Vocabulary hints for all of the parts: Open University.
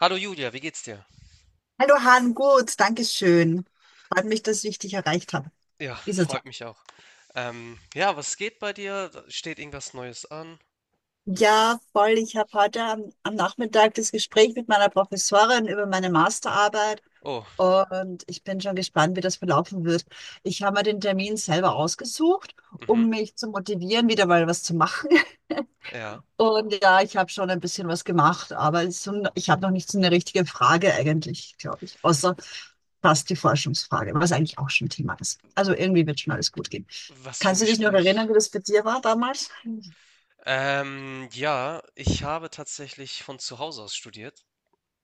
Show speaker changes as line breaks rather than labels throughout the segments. Hallo Julia, wie geht's dir?
Hallo Han, gut, danke schön. Freut mich, dass ich dich erreicht habe.
Ja,
Dieser
freut
Tag.
mich auch. Ja, was geht bei dir? Steht irgendwas Neues an?
Ja, voll. Ich habe heute am Nachmittag das Gespräch mit meiner Professorin über meine Masterarbeit
Oh,
und ich bin schon gespannt, wie das verlaufen wird. Ich habe mir den Termin selber ausgesucht,
mhm,
um mich zu motivieren, wieder mal was zu machen.
ja.
Und ja, ich habe schon ein bisschen was gemacht, aber so, ich habe noch nicht so eine richtige Frage eigentlich, glaube ich, außer fast die Forschungsfrage, was eigentlich auch schon Thema ist. Also irgendwie wird schon alles gut gehen.
Was für ein
Kannst du dich noch
Gespräch.
erinnern, wie das bei dir war damals?
Ja, ich habe tatsächlich von zu Hause aus studiert.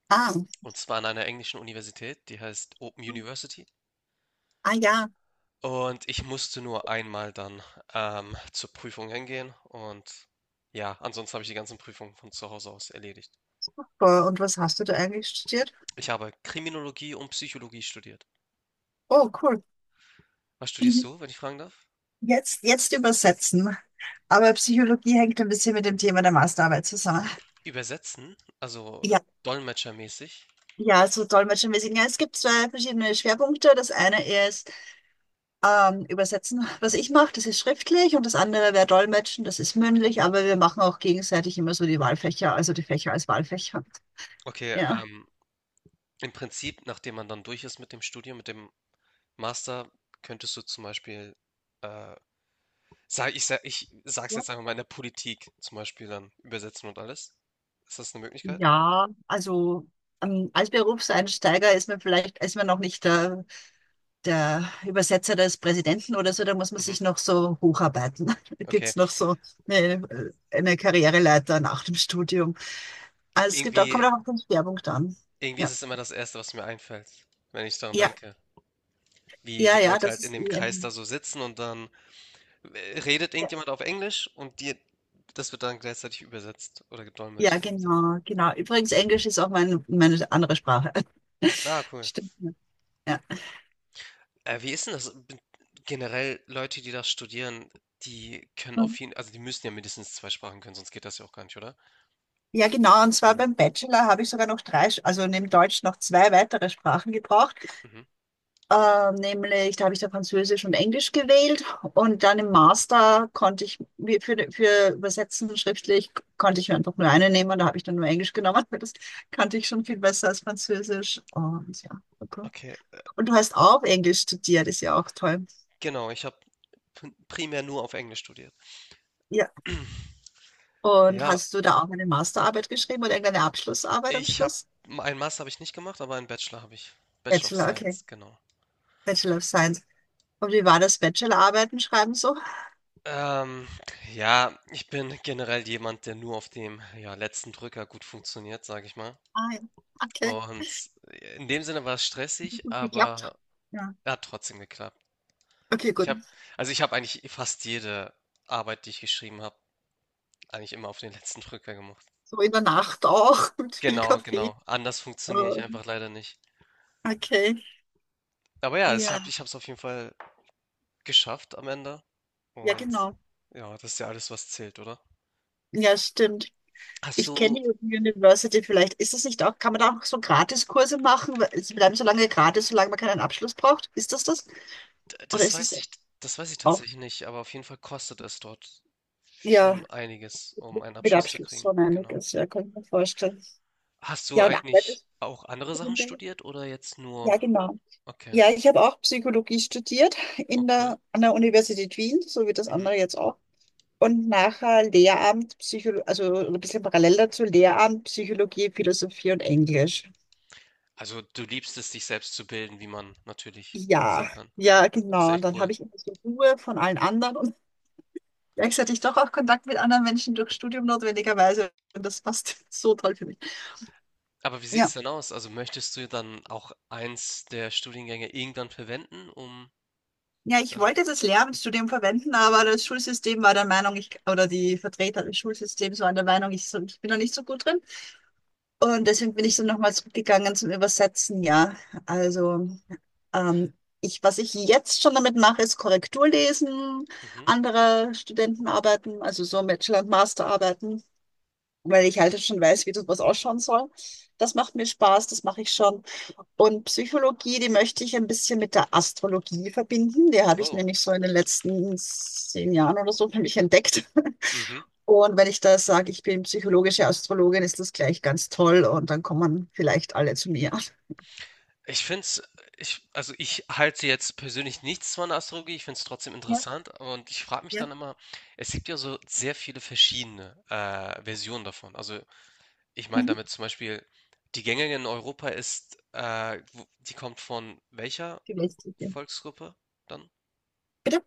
Ah,
Und zwar an einer englischen Universität, die heißt Open University.
ah ja.
Und ich musste nur einmal dann zur Prüfung hingehen. Und ja, ansonsten habe ich die ganzen Prüfungen von zu Hause aus erledigt.
Und was hast du da eigentlich studiert?
Ich habe Kriminologie und Psychologie studiert.
Oh, cool.
Was studierst
Mhm.
du, wenn ich fragen darf?
Jetzt übersetzen. Aber Psychologie hängt ein bisschen mit dem Thema der Masterarbeit zusammen.
Übersetzen, also
Ja,
dolmetschermäßig.
ja, so dolmetschermäßig. Ja, es gibt zwei verschiedene Schwerpunkte. Das eine ist Übersetzen, was ich mache, das ist schriftlich und das andere wäre Dolmetschen, das ist mündlich, aber wir machen auch gegenseitig immer so die Wahlfächer, also die Fächer als Wahlfächer.
Okay,
Ja.
im Prinzip, nachdem man dann durch ist mit dem Studium, mit dem Master, könntest du zum Beispiel, äh, sag's jetzt einfach mal in der Politik zum Beispiel dann übersetzen und alles. Ist das eine Möglichkeit?
Ja, also als Berufseinsteiger ist man vielleicht, ist man noch nicht der, der Übersetzer des Präsidenten oder so, da muss man
Mhm,
sich noch so hocharbeiten. Da
okay.
gibt's noch so eine Karriereleiter nach dem Studium. Also es gibt auch, kommt
Irgendwie,
auch auf den Schwerpunkt an.
irgendwie ist
Ja,
es immer das Erste, was mir einfällt, wenn ich daran
ja,
denke. Wie die
ja, ja,
Leute
das
halt in
ist
dem
eh
Kreis da
ein-
so sitzen und dann redet
ja,
irgendjemand auf Englisch und das wird dann gleichzeitig übersetzt oder
ja,
gedolmetscht in dem Sinne.
genau, genau. Übrigens, Englisch ist auch mein, meine andere Sprache.
Ah, cool.
Stimmt. Ja.
Wie ist denn das b generell Leute, die das studieren, die können
Ja.
auf jeden also, die müssen ja mindestens 2 Sprachen können, sonst geht das ja auch gar nicht, oder?
Ja, genau. Und zwar
Genau.
beim Bachelor habe ich sogar noch drei, Sch- also neben Deutsch noch zwei weitere Sprachen gebraucht.
Mhm.
Nämlich, da habe ich da Französisch und Englisch gewählt. Und dann im Master konnte ich, mir für Übersetzen schriftlich, konnte ich mir einfach nur eine nehmen. Da habe ich dann nur Englisch genommen, weil das kannte ich schon viel besser als Französisch. Und ja, okay.
Okay,
Und du hast auch Englisch studiert, ist ja auch toll.
genau, ich habe primär nur auf Englisch studiert.
Ja. Und
Ja,
hast du da auch eine Masterarbeit geschrieben oder irgendeine Abschlussarbeit am
ich habe
Schluss?
einen Master habe ich nicht gemacht, aber einen Bachelor habe ich. Bachelor of
Bachelor, okay.
Science, genau.
Bachelor of Science. Und wie war das Bachelorarbeiten schreiben so?
Ähm, ja, ich bin generell jemand, der nur auf dem, ja, letzten Drücker gut funktioniert, sage ich mal.
Ah, ja. Okay,
Und in dem Sinne war es stressig,
gut geklappt.
aber
Ja.
er hat trotzdem geklappt.
Okay,
Ich
gut.
habe, ich habe eigentlich fast jede Arbeit, die ich geschrieben habe, eigentlich immer auf den letzten Drücker gemacht.
So in der Nacht auch mit viel
Genau,
Kaffee.
genau. Anders funktioniere ich
Ähm,
einfach leider nicht.
Okay,
Aber ja,
ja,
ich habe es auf jeden Fall geschafft am Ende.
ja,
Und
genau.
ja, das ist ja alles, was zählt, oder?
Ja, stimmt.
Hast
Ich
du,
kenne die University vielleicht. Ist das nicht auch, kann man da auch so Gratiskurse machen? Weil Sie bleiben so lange gratis, solange man keinen Abschluss braucht. Ist das das?
d-
Oder
das
ist es
weiß ich, das weiß ich
auch?
tatsächlich nicht, aber auf jeden Fall kostet es dort
Ja,
schon einiges, um einen
mit
Abschluss zu
Abschluss
kriegen.
schon
Genau.
einiges. Ja, kann ich mir vorstellen.
Hast du
Ja, und
eigentlich
arbeitest
auch andere
du
Sachen
in der?
studiert oder jetzt nur?
Ja, genau.
Okay,
Ja, ich habe auch Psychologie studiert
oh
in
cool.
der, an der Universität Wien, so wie das
Mhm.
andere jetzt auch. Und nachher Lehramt, Psychologie, also ein bisschen parallel dazu, Lehramt, Psychologie, Philosophie und Englisch.
Also du liebst es, dich selbst zu bilden, wie man natürlich sehen
Ja,
kann.
ja,
Ist
genau. Und
echt
dann
cool.
habe ich immer so Ruhe von allen anderen und gleichzeitig doch auch Kontakt mit anderen Menschen durch Studium notwendigerweise. Und das passt so toll für mich.
Aber wie sieht's
Ja.
denn aus? Also möchtest du dann auch eins der Studiengänge irgendwann verwenden, um
Ja, ich
dann...
wollte das Lehramtsstudium verwenden, aber das Schulsystem war der Meinung, ich, oder die Vertreter des Schulsystems waren der Meinung, ich, so- ich bin da nicht so gut drin. Und deswegen bin ich so nochmal zurückgegangen zum Übersetzen, ja. Also, ähm, ich, was ich jetzt schon damit mache, ist Korrektur lesen,
Mhm.
andere Studentenarbeiten, also so Bachelor- und Masterarbeiten, weil ich halt schon weiß, wie das was ausschauen soll. Das macht mir Spaß, das mache ich schon. Und Psychologie, die möchte ich ein bisschen mit der Astrologie verbinden. Die habe ich
Oh,
nämlich so in den letzten 10 Jahren oder so für mich entdeckt.
mhm.
Und wenn ich da sage, ich bin psychologische Astrologin, ist das gleich ganz toll und dann kommen vielleicht alle zu mir.
Ich find's, ich, also ich halte jetzt persönlich nichts von der Astrologie, ich find's trotzdem
Ja,
interessant und ich frage mich
ja.
dann immer, es gibt ja so sehr viele verschiedene Versionen davon. Also ich meine
Mhm.
damit zum Beispiel, die gängige in Europa ist, die kommt von welcher
Vielleicht. Ja.
Volksgruppe dann?
Bitte?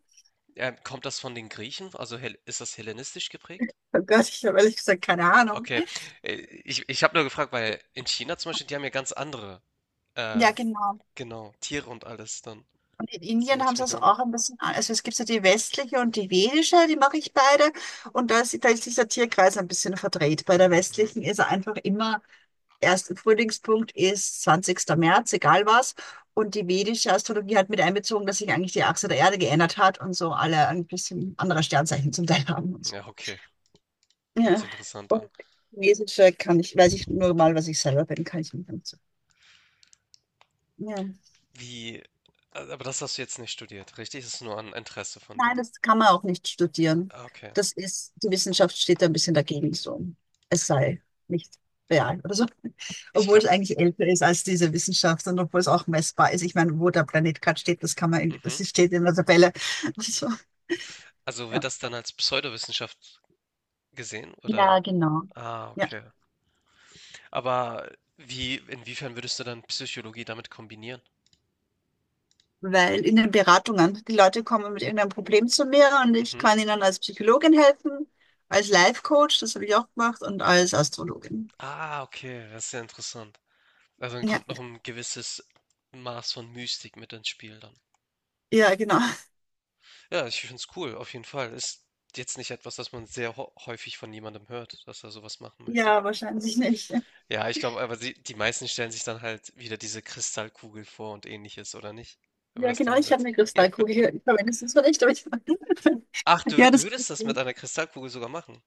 Kommt das von den Griechen? Also ist das hellenistisch geprägt?
Oh Gott, ich habe ehrlich gesagt keine Ahnung.
Okay, äh, ich habe nur gefragt, weil in China zum Beispiel, die haben ja ganz andere,
Ja,
äh,
genau.
genau, Tiere und alles dann.
Und in
Deswegen
Indien
hatte
haben
ich
sie
mich
das
gewundert.
auch ein bisschen, an- also es gibt so die westliche und die vedische, die mache ich beide. Und da ist dieser Tierkreis ein bisschen verdreht. Bei der
Mhm.
westlichen ist er einfach immer erste Frühlingspunkt ist zwanzigster März, egal was. Und die vedische Astrologie hat mit einbezogen, dass sich eigentlich die Achse der Erde geändert hat und so alle ein bisschen andere Sternzeichen zum Teil haben. Und
Ja, okay,
so.
hört sich
Ja.
interessant
Und
an.
chinesische kann ich, weiß ich nur mal, was ich selber bin, kann ich nicht. So. Ja.
Wie, also, aber das hast du jetzt nicht studiert, richtig? Das ist nur ein Interesse von dir.
Nein, das kann man auch nicht studieren.
Ah, okay,
Das ist, die Wissenschaft steht da ein bisschen dagegen so. Es sei nicht real oder so.
ich
Obwohl es
glaube,
eigentlich älter ist als diese Wissenschaft und obwohl es auch messbar ist. Ich meine, wo der Planet gerade steht, das kann man, in- das
mhm.
steht in der Tabelle. Also,
Also wird
ja.
das dann als Pseudowissenschaft gesehen,
Ja,
oder?
genau.
Ah,
Ja,
okay. Aber wie, inwiefern würdest du dann Psychologie damit kombinieren?
weil in den Beratungen, die Leute kommen mit irgendeinem Problem zu mir und ich
Mhm.
kann ihnen als Psychologin helfen, als Life Coach, das habe ich auch gemacht, und als Astrologin.
Ah, okay, das ist sehr interessant. Also dann
Ja,
kommt noch ein gewisses Maß von Mystik mit ins Spiel dann.
ja, genau.
Ja, ich finde es cool, auf jeden Fall. Ist jetzt nicht etwas, das man sehr häufig von jemandem hört, dass er sowas machen möchte.
Ja, wahrscheinlich nicht.
Ja, ich glaube, aber die meisten stellen sich dann halt wieder diese Kristallkugel vor und ähnliches, oder nicht? Wenn man
Ja,
das Ding
genau, ich habe
ersetzt.
eine
Ja.
Kristallkugel. Ich verwende sie zwar nicht, aber ich.
Ach, du,
Ja,
du
das
würdest das mit einer Kristallkugel sogar machen.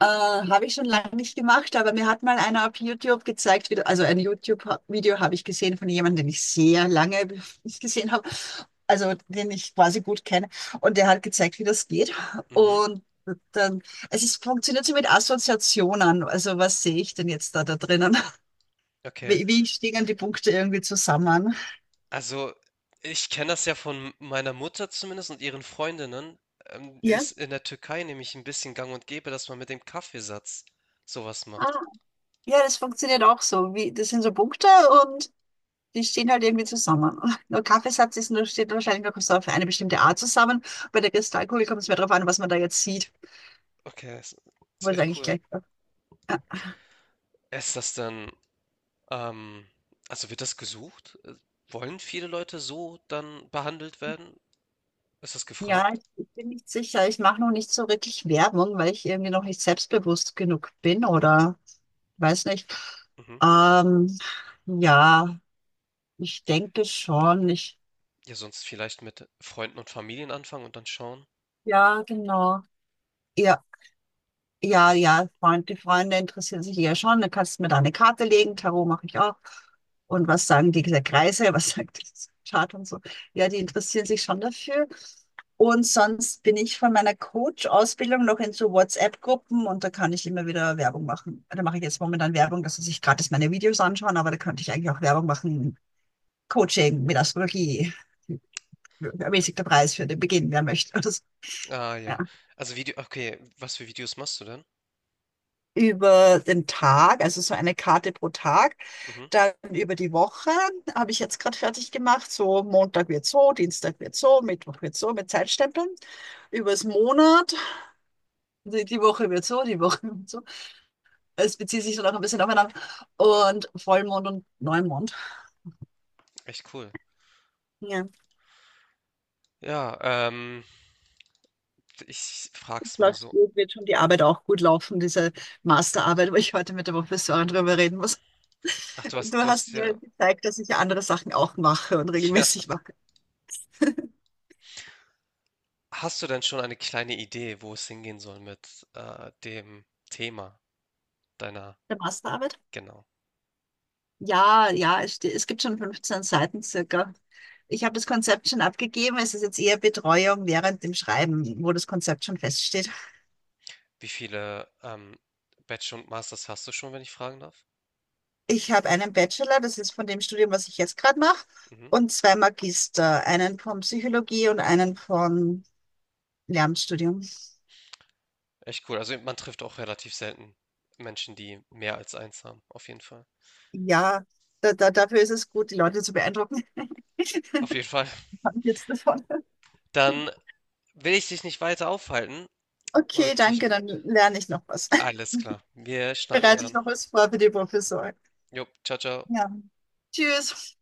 habe ich schon lange nicht gemacht, aber mir hat mal einer auf YouTube gezeigt, wie, du- also ein YouTube-Video habe ich gesehen von jemandem, den ich sehr lange nicht gesehen habe, also den ich quasi gut kenne. Und der hat gezeigt, wie das geht.
Mhm.
Und dann, es ist, funktioniert so mit Assoziationen. Also was sehe ich denn jetzt da drinnen?
Okay.
Wie, wie stehen die Punkte irgendwie zusammen?
Also, ich kenne das ja von meiner Mutter zumindest und ihren Freundinnen.
Ja.
Ist in der Türkei nämlich ein bisschen gang und gäbe, dass man mit dem Kaffeesatz sowas
Ah,
macht.
ja, das funktioniert auch so. Wie, das sind so Punkte. Die stehen halt irgendwie zusammen. Nur Kaffeesatz ist nur, steht wahrscheinlich nur so auf eine bestimmte Art zusammen. Bei der Kristallkugel kommt es mehr darauf an, was man da jetzt sieht.
Okay, das ist
Obwohl es
echt
eigentlich
cool.
gleich war.
Ist das dann, ähm, also wird das gesucht? Wollen viele Leute so dann behandelt werden? Ist das
Ja,
gefragt?
ich bin nicht sicher. Ich mache noch nicht so wirklich Werbung, weil ich irgendwie noch nicht selbstbewusst genug bin oder weiß nicht.
Mhm.
Ähm, ja, ich denke schon. Ich,
Ja, sonst vielleicht mit Freunden und Familien anfangen und dann schauen.
ja, genau. Ja. Ja,
Interessant.
ja, Freund, die Freunde interessieren sich ja schon. Dann kannst du mir da eine Karte legen. Tarot mache ich auch. Und was sagen die Kreise? Was sagt das Chart und so? Ja, die interessieren sich schon dafür. Und sonst bin ich von meiner Coach-Ausbildung noch in so WhatsApp-Gruppen und da kann ich immer wieder Werbung machen. Da mache ich jetzt momentan Werbung, dass sie sich gratis meine Videos anschauen, aber da könnte ich eigentlich auch Werbung machen. Coaching mit Astrologie. Ermäßigter Preis für den Beginn, wer möchte. Oder so.
Ah, ja.
Ja.
Also Video, okay, was für Videos machst du denn?
Über den Tag, also so eine Karte pro Tag.
Mhm.
Dann über die Woche habe ich jetzt gerade fertig gemacht. So Montag wird so, Dienstag wird so, Mittwoch wird so mit Zeitstempeln. Übers Monat, die Woche wird so, die Woche wird so. Es bezieht sich so noch ein bisschen aufeinander. Und Vollmond und Neumond.
Echt cool.
Ja,
Ja, ähm, ich
es
frag's mal
läuft
so.
gut, wird schon die Arbeit auch gut laufen, diese Masterarbeit, wo ich heute mit der Professorin drüber reden muss.
Ach,
Du
du
hast
hast
mir
ja,
gezeigt, dass ich ja andere Sachen auch mache und
ja.
regelmäßig mache.
Hast du denn schon eine kleine Idee, wo es hingehen soll mit dem Thema deiner,
Der Masterarbeit?
genau.
Ja, ja, es, ste- es gibt schon 15 Seiten circa. Ich habe das Konzept schon abgegeben. Es ist jetzt eher Betreuung während dem Schreiben, wo das Konzept schon feststeht.
Wie viele Bachelor und Masters hast du schon, wenn ich fragen darf?
Ich habe einen Bachelor, das ist von dem Studium, was ich jetzt gerade mache,
Mhm.
und zwei Magister, einen von Psychologie und einen von Lehramtsstudium.
Echt cool. Also man trifft auch relativ selten Menschen, die mehr als eins haben. Auf jeden Fall.
Ja, da, da, dafür ist es gut, die Leute zu beeindrucken.
Auf jeden Fall.
Haben jetzt davon.
Dann will ich dich nicht weiter aufhalten
Okay,
und dich,
danke, dann lerne ich noch was.
alles klar. Wir schnacken
Bereite ich
dann.
noch was vor für die Professorin.
Jo, ciao, ciao.
Ja, tschüss.